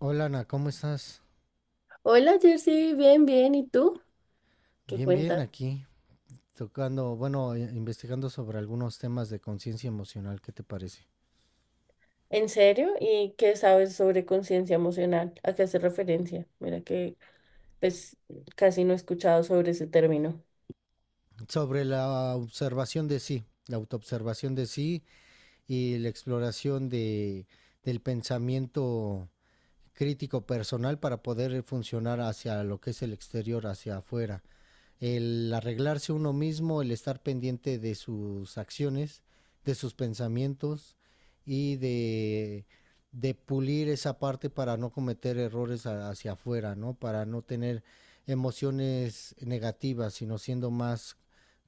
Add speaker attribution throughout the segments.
Speaker 1: Hola Ana, ¿cómo estás?
Speaker 2: Hola Jersey, bien, bien. ¿Y tú? ¿Qué
Speaker 1: Bien, bien,
Speaker 2: cuentas?
Speaker 1: aquí tocando, bueno, investigando sobre algunos temas de conciencia emocional, ¿qué te parece?
Speaker 2: ¿En serio? ¿Y qué sabes sobre conciencia emocional? ¿A qué hace referencia? Mira que pues casi no he escuchado sobre ese término.
Speaker 1: Sobre la observación de sí, la autoobservación de sí y la exploración del pensamiento crítico personal para poder funcionar hacia lo que es el exterior, hacia afuera. El arreglarse uno mismo, el estar pendiente de sus acciones, de sus pensamientos y de pulir esa parte para no cometer errores hacia afuera, ¿no? Para no tener emociones negativas, sino siendo más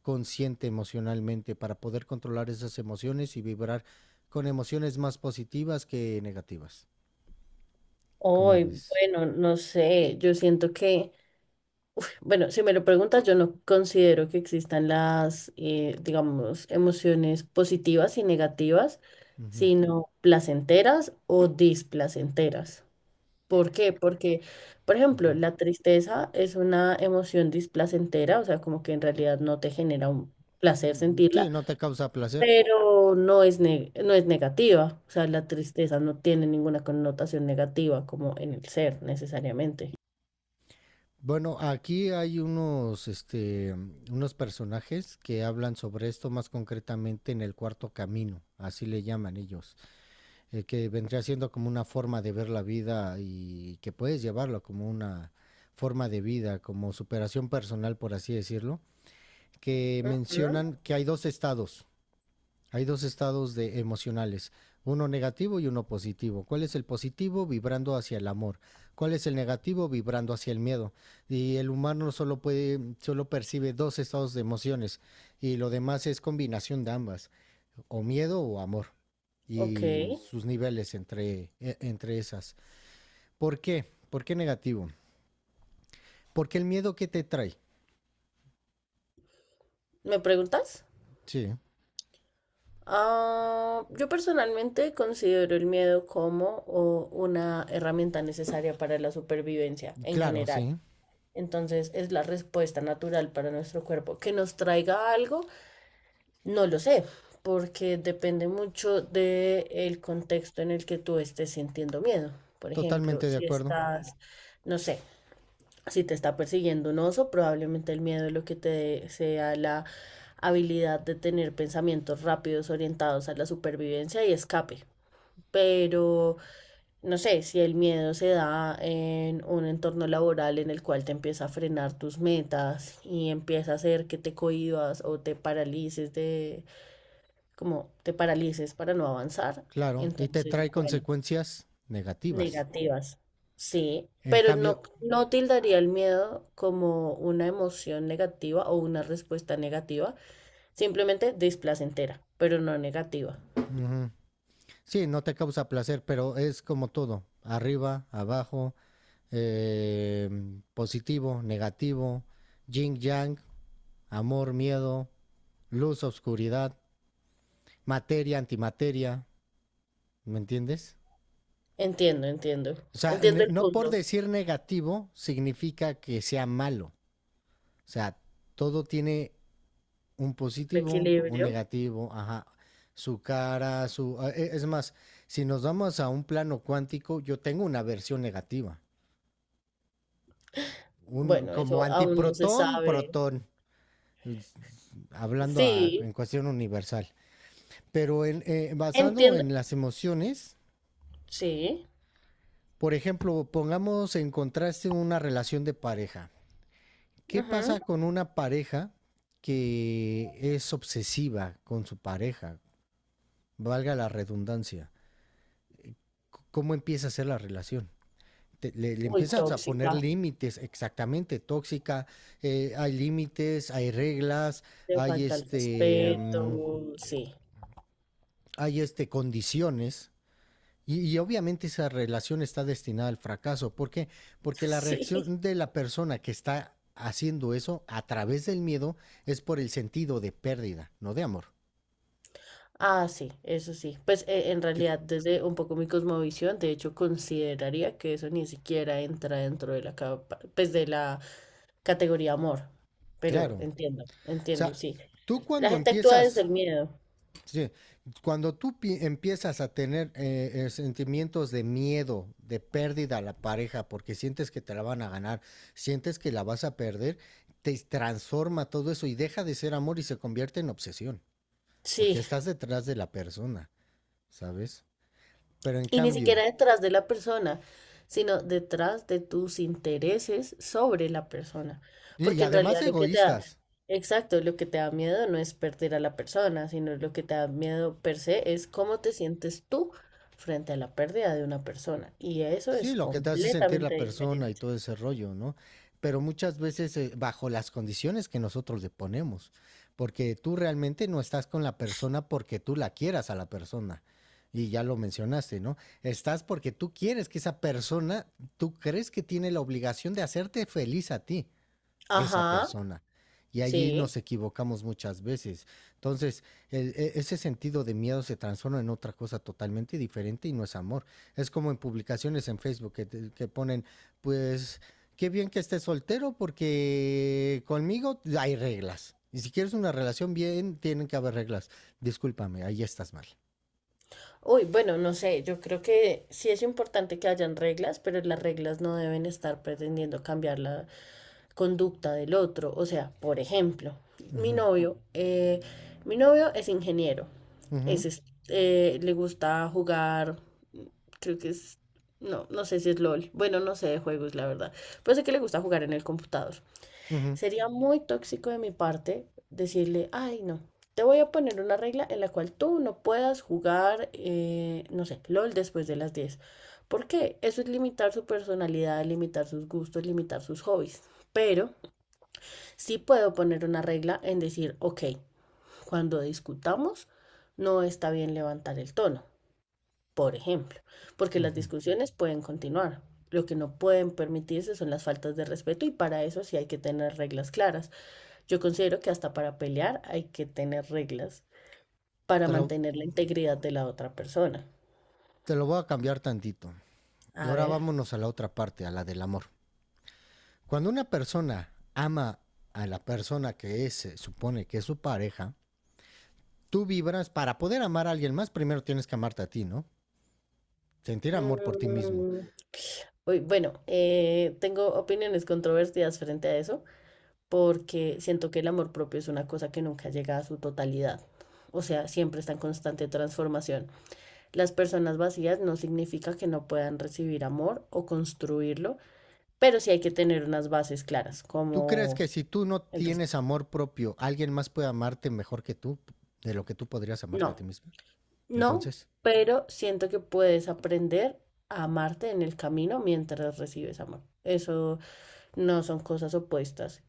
Speaker 1: consciente emocionalmente, para poder controlar esas emociones y vibrar con emociones más positivas que negativas. ¿Cómo
Speaker 2: Hoy,
Speaker 1: ves?
Speaker 2: bueno, no sé, yo siento que, bueno, si me lo preguntas, yo no considero que existan las, digamos, emociones positivas y negativas,
Speaker 1: Ujú,
Speaker 2: sino placenteras o displacenteras. ¿Por qué? Porque, por ejemplo,
Speaker 1: ujú.
Speaker 2: la tristeza es una emoción displacentera, o sea, como que en realidad no te genera un placer
Speaker 1: Mm, sí,
Speaker 2: sentirla,
Speaker 1: no te causa placer.
Speaker 2: pero no es negativa, o sea, la tristeza no tiene ninguna connotación negativa como en el ser necesariamente.
Speaker 1: Bueno, aquí hay unos, unos personajes que hablan sobre esto más concretamente en el cuarto camino, así le llaman ellos, que vendría siendo como una forma de ver la vida y que puedes llevarlo como una forma de vida, como superación personal, por así decirlo, que
Speaker 2: Ujú.
Speaker 1: mencionan que hay dos estados de emocionales, uno negativo y uno positivo. ¿Cuál es el positivo? Vibrando hacia el amor. ¿Cuál es el negativo? Vibrando hacia el miedo. Y el humano solo percibe dos estados de emociones y lo demás es combinación de ambas, o miedo o amor
Speaker 2: Ok,
Speaker 1: y sus niveles entre esas. ¿Por qué? ¿Por qué negativo? Porque el miedo que te trae.
Speaker 2: ¿me preguntas?
Speaker 1: Sí,
Speaker 2: Ah, yo personalmente considero el miedo como o, una herramienta necesaria para la supervivencia en
Speaker 1: claro,
Speaker 2: general.
Speaker 1: sí,
Speaker 2: Entonces, ¿es la respuesta natural para nuestro cuerpo que nos traiga algo? No lo sé, porque depende mucho del contexto en el que tú estés sintiendo miedo. Por ejemplo,
Speaker 1: totalmente de
Speaker 2: si
Speaker 1: acuerdo.
Speaker 2: estás, no sé, si te está persiguiendo un oso, probablemente el miedo lo que te dé sea la habilidad de tener pensamientos rápidos orientados a la supervivencia y escape. Pero no sé, si el miedo se da en un entorno laboral en el cual te empieza a frenar tus metas y empieza a hacer que te cohibas o te paralices de, como te paralices para no avanzar,
Speaker 1: Claro, y te
Speaker 2: entonces,
Speaker 1: trae
Speaker 2: bueno,
Speaker 1: consecuencias negativas.
Speaker 2: negativas, sí,
Speaker 1: En
Speaker 2: pero
Speaker 1: cambio,
Speaker 2: no, no tildaría el miedo como una emoción negativa o una respuesta negativa, simplemente displacentera, pero no negativa.
Speaker 1: ujú, sí, no te causa placer, pero es como todo, arriba, abajo, eh, positivo, negativo, yin yang, amor, miedo, luz, oscuridad, materia, antimateria, ¿me entiendes?
Speaker 2: Entiendo, entiendo.
Speaker 1: O sea,
Speaker 2: Entiendo el
Speaker 1: no por
Speaker 2: punto.
Speaker 1: decir negativo significa que sea malo. O sea, todo tiene un
Speaker 2: El
Speaker 1: positivo, un
Speaker 2: equilibrio.
Speaker 1: negativo, ajá, su cara, su... Es más, si nos vamos a un plano cuántico, yo tengo una versión negativa, un,
Speaker 2: Bueno,
Speaker 1: como
Speaker 2: eso aún no se
Speaker 1: antiprotón,
Speaker 2: sabe.
Speaker 1: protón, es- hablando
Speaker 2: Sí,
Speaker 1: en cuestión universal. Pero en, basado
Speaker 2: entiendo.
Speaker 1: en las emociones,
Speaker 2: Sí.
Speaker 1: por ejemplo, pongamos en contraste una relación de pareja. ¿Qué
Speaker 2: Ujú.
Speaker 1: pasa con una pareja que es obsesiva con su pareja? Valga la redundancia. ¿Cómo empieza a ser la relación? Le
Speaker 2: Muy
Speaker 1: empiezas a poner
Speaker 2: tóxica.
Speaker 1: límites, exactamente, tóxica, hay límites, hay reglas,
Speaker 2: Le
Speaker 1: hay
Speaker 2: falta el
Speaker 1: este, mm,
Speaker 2: respeto. Sí.
Speaker 1: hay este, condiciones. Y obviamente esa relación está destinada al fracaso. ¿Por qué? Porque la
Speaker 2: Sí.
Speaker 1: reacción de la persona que está haciendo eso a través del miedo es por el sentido de pérdida, no de amor.
Speaker 2: Ah, sí, eso sí. Pues en
Speaker 1: Yo-
Speaker 2: realidad, desde un poco mi cosmovisión, de hecho, consideraría que eso ni siquiera entra dentro de pues de la categoría amor. Pero
Speaker 1: Claro. O
Speaker 2: entiendo, entiendo,
Speaker 1: sea,
Speaker 2: sí.
Speaker 1: tú
Speaker 2: La
Speaker 1: cuando
Speaker 2: gente actúa desde
Speaker 1: empiezas
Speaker 2: el miedo.
Speaker 1: sí, cuando empiezas a tener sentimientos de miedo, de pérdida a la pareja, porque sientes que te la van a ganar, sientes que la vas a perder, te transforma todo eso y deja de ser amor y se convierte en obsesión, porque
Speaker 2: Sí.
Speaker 1: estás detrás de la persona, ¿sabes? Pero en
Speaker 2: Y ni
Speaker 1: cambio,
Speaker 2: siquiera detrás de la persona, sino detrás de tus intereses sobre la persona.
Speaker 1: y
Speaker 2: Porque en
Speaker 1: además
Speaker 2: realidad lo que te da,
Speaker 1: egoístas,
Speaker 2: exacto, lo que te da miedo no es perder a la persona, sino lo que te da miedo per se es cómo te sientes tú frente a la pérdida de una persona. Y eso
Speaker 1: sí,
Speaker 2: es
Speaker 1: lo que te hace sentir
Speaker 2: completamente
Speaker 1: la persona y
Speaker 2: diferente.
Speaker 1: todo ese rollo, ¿no? Pero muchas veces bajo las condiciones que nosotros le ponemos, porque tú realmente no estás con la persona porque tú la quieras a la persona. Y ya lo mencionaste, ¿no? Estás porque tú quieres que esa persona, tú crees que tiene la obligación de hacerte feliz a ti esa
Speaker 2: Ajá,
Speaker 1: persona. Y allí
Speaker 2: sí.
Speaker 1: nos equivocamos muchas veces. Entonces, ese sentido de miedo se transforma en otra cosa totalmente diferente y no es amor. Es como en publicaciones en Facebook que, que ponen, pues, qué bien que estés soltero porque conmigo hay reglas. Y si quieres una relación bien, tienen que haber reglas. Discúlpame, ahí estás mal.
Speaker 2: Uy, bueno, no sé, yo creo que sí es importante que hayan reglas, pero las reglas no deben estar pretendiendo cambiar la conducta del otro. O sea, por ejemplo, mi
Speaker 1: Ujú,
Speaker 2: novio, eh, mi novio es ingeniero,
Speaker 1: ujú,
Speaker 2: es, es- le gusta jugar, mm, creo que es, no, no sé si es LOL, bueno, no sé de juegos, la verdad, pero sé que le gusta jugar en el computador.
Speaker 1: ujú,
Speaker 2: Sería muy tóxico de mi parte decirle, ay, no, te voy a poner una regla en la cual tú no puedas jugar, no sé, LOL después de las diez. ¿Por qué? Eso es limitar su personalidad, limitar sus gustos, limitar sus hobbies. Pero sí puedo poner una regla en decir, ok, cuando discutamos, no está bien levantar el tono, por ejemplo, porque las
Speaker 1: ujú.
Speaker 2: discusiones pueden continuar. Lo que no pueden permitirse son las faltas de respeto y para eso sí hay que tener reglas claras. Yo considero que hasta para pelear hay que tener reglas para
Speaker 1: Te lo,
Speaker 2: mantener la integridad de la otra persona.
Speaker 1: te lo voy a cambiar tantito. Y
Speaker 2: A
Speaker 1: ahora
Speaker 2: ver.
Speaker 1: vámonos a la otra parte, a la del amor. Cuando una persona ama a la persona que es, se supone que es su pareja, tú vibras para poder amar a alguien más, primero tienes que amarte a ti, ¿no? Sentir amor por ti mismo.
Speaker 2: mm, uy, bueno, tengo opiniones controvertidas frente a eso porque siento que el amor propio es una cosa que nunca llega a su totalidad. O sea, siempre está en constante transformación. Las personas vacías no significa que no puedan recibir amor o construirlo, pero sí hay que tener unas bases claras,
Speaker 1: ¿Tú crees que
Speaker 2: como
Speaker 1: si tú no
Speaker 2: el respeto.
Speaker 1: tienes amor propio, alguien más puede amarte mejor que tú, de lo que tú podrías amarte a ti
Speaker 2: No.
Speaker 1: mismo?
Speaker 2: No,
Speaker 1: Entonces,
Speaker 2: pero siento que puedes aprender a amarte en el camino mientras recibes amor. Eso no son cosas opuestas.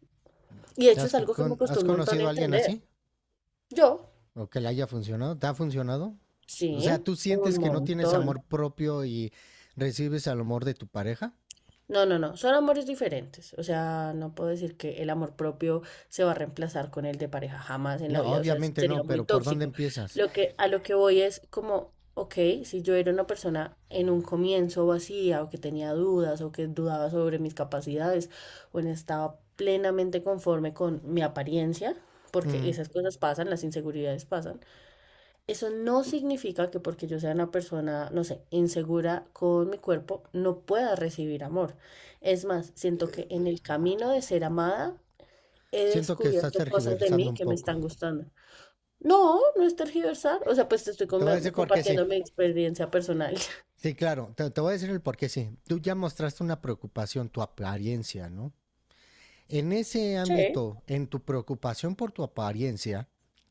Speaker 2: Y de
Speaker 1: ¿te
Speaker 2: hecho
Speaker 1: has,
Speaker 2: es algo que me costó
Speaker 1: has
Speaker 2: un montón
Speaker 1: conocido a alguien así?
Speaker 2: entender. Yo,
Speaker 1: ¿O que le haya funcionado? ¿Te ha funcionado? O sea,
Speaker 2: sí,
Speaker 1: ¿tú
Speaker 2: un
Speaker 1: sientes que no tienes
Speaker 2: montón.
Speaker 1: amor propio y recibes el amor de tu pareja?
Speaker 2: No, no, no, son amores diferentes. O sea, no puedo decir que el amor propio se va a reemplazar con el de pareja jamás en la
Speaker 1: No,
Speaker 2: vida. O sea, eso
Speaker 1: obviamente
Speaker 2: sería
Speaker 1: no,
Speaker 2: muy
Speaker 1: pero ¿por dónde
Speaker 2: tóxico.
Speaker 1: empiezas?
Speaker 2: Lo que, a lo que voy es como, ok, si yo era una persona en un comienzo vacía o que tenía dudas o que dudaba sobre mis capacidades o no estaba plenamente conforme con mi apariencia, porque
Speaker 1: Mm,
Speaker 2: esas cosas pasan, las inseguridades pasan, eso no significa que porque yo sea una persona, no sé, insegura con mi cuerpo, no pueda recibir amor. Es más, siento que en el camino de ser amada he
Speaker 1: siento que estás
Speaker 2: descubierto cosas de
Speaker 1: tergiversando
Speaker 2: mí
Speaker 1: un
Speaker 2: que me
Speaker 1: poco.
Speaker 2: están gustando. No, no es tergiversar. O sea, pues
Speaker 1: Te voy a decir por qué sí.
Speaker 2: compartiendo mi experiencia personal.
Speaker 1: Sí, claro, te voy a decir el por qué sí. Tú ya mostraste una preocupación, tu apariencia, ¿no? En ese
Speaker 2: Sí.
Speaker 1: ámbito, en tu preocupación por tu apariencia,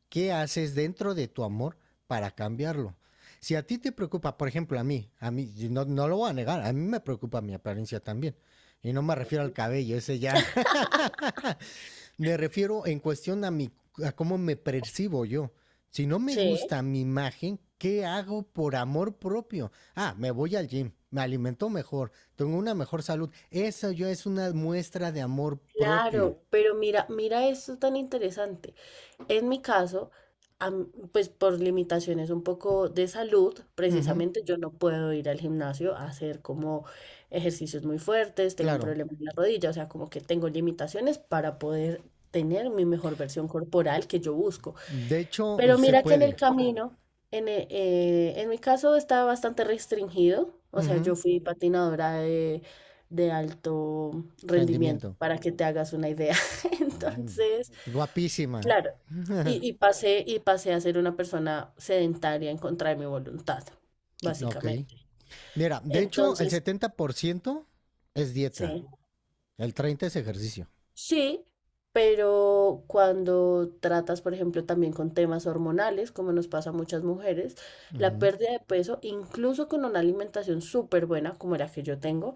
Speaker 1: ¿qué haces dentro de tu amor para cambiarlo? Si a ti te preocupa, por ejemplo, a mí, no, no lo voy a negar, a mí me preocupa mi apariencia también. Y no me refiero al cabello, ese ya Me refiero en cuestión a, mi, a cómo me percibo yo. Si no me
Speaker 2: Sí.
Speaker 1: gusta mi imagen, ¿qué hago por amor propio? Ah, me voy al gym, me alimento mejor, tengo una mejor salud. Eso ya es una muestra de amor propio.
Speaker 2: Claro, pero mira, mira esto tan interesante. En mi caso, pues por limitaciones un poco de salud,
Speaker 1: Ujú,
Speaker 2: precisamente yo no puedo ir al gimnasio a hacer como ejercicios muy fuertes, tengo un
Speaker 1: claro.
Speaker 2: problema en la rodilla, o sea, como que tengo limitaciones para poder tener mi mejor versión corporal que yo busco.
Speaker 1: De hecho,
Speaker 2: Pero
Speaker 1: se
Speaker 2: mira que en el
Speaker 1: puede.
Speaker 2: camino, en mi caso estaba bastante restringido, o sea,
Speaker 1: Ujú,
Speaker 2: yo fui patinadora de alto rendimiento,
Speaker 1: rendimiento.
Speaker 2: para que te hagas una idea.
Speaker 1: Mm,
Speaker 2: Entonces...
Speaker 1: guapísima.
Speaker 2: Claro, y pasé a ser una persona sedentaria en contra de mi voluntad,
Speaker 1: Ok.
Speaker 2: básicamente.
Speaker 1: Mira, de hecho, el
Speaker 2: Entonces,
Speaker 1: 70% es dieta,
Speaker 2: sí,
Speaker 1: el 30% es ejercicio.
Speaker 2: sí, pero cuando tratas, por ejemplo, también con temas hormonales, como nos pasa a muchas mujeres, la
Speaker 1: Ujú,
Speaker 2: pérdida de peso, incluso con una alimentación súper buena, como la que yo tengo,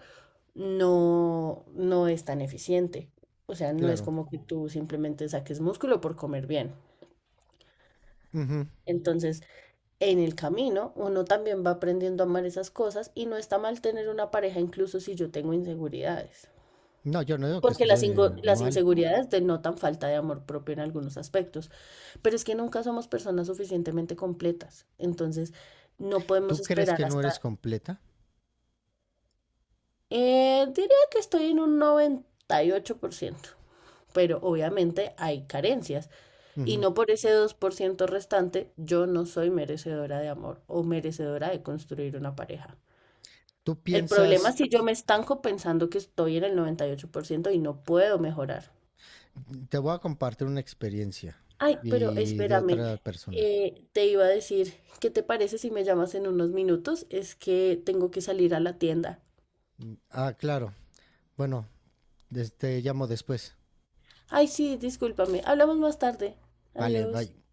Speaker 2: no, no es tan eficiente. O sea, no es
Speaker 1: claro.
Speaker 2: como que tú simplemente saques músculo por comer bien.
Speaker 1: Ujú.
Speaker 2: Entonces, en el camino uno también va aprendiendo a amar esas cosas y no está mal tener una pareja incluso si yo tengo inseguridades.
Speaker 1: No, yo no digo que
Speaker 2: Porque
Speaker 1: esté
Speaker 2: las
Speaker 1: mal.
Speaker 2: inseguridades denotan falta de amor propio en algunos aspectos, pero es que nunca somos personas suficientemente completas. Entonces, no podemos
Speaker 1: Tú crees
Speaker 2: esperar
Speaker 1: que no eres
Speaker 2: hasta...
Speaker 1: completa.
Speaker 2: diría que estoy en un 98%, pero obviamente hay carencias y
Speaker 1: Ujú.
Speaker 2: no por ese 2% restante yo no soy merecedora de amor o merecedora de construir una pareja.
Speaker 1: Tú
Speaker 2: El problema
Speaker 1: piensas,
Speaker 2: es si yo me estanco pensando que estoy en el 98% y 8% y no puedo mejorar.
Speaker 1: te voy a compartir una experiencia
Speaker 2: Ay, pero
Speaker 1: y de
Speaker 2: espérame,
Speaker 1: otra persona.
Speaker 2: te iba a decir, ¿qué te parece si me llamas en unos minutos? Es que tengo que salir a la tienda.
Speaker 1: Mm, ah, claro. Bueno, te llamo después.
Speaker 2: Ay, sí, discúlpame, hablamos más tarde.
Speaker 1: Vale,
Speaker 2: Adiós.
Speaker 1: bye.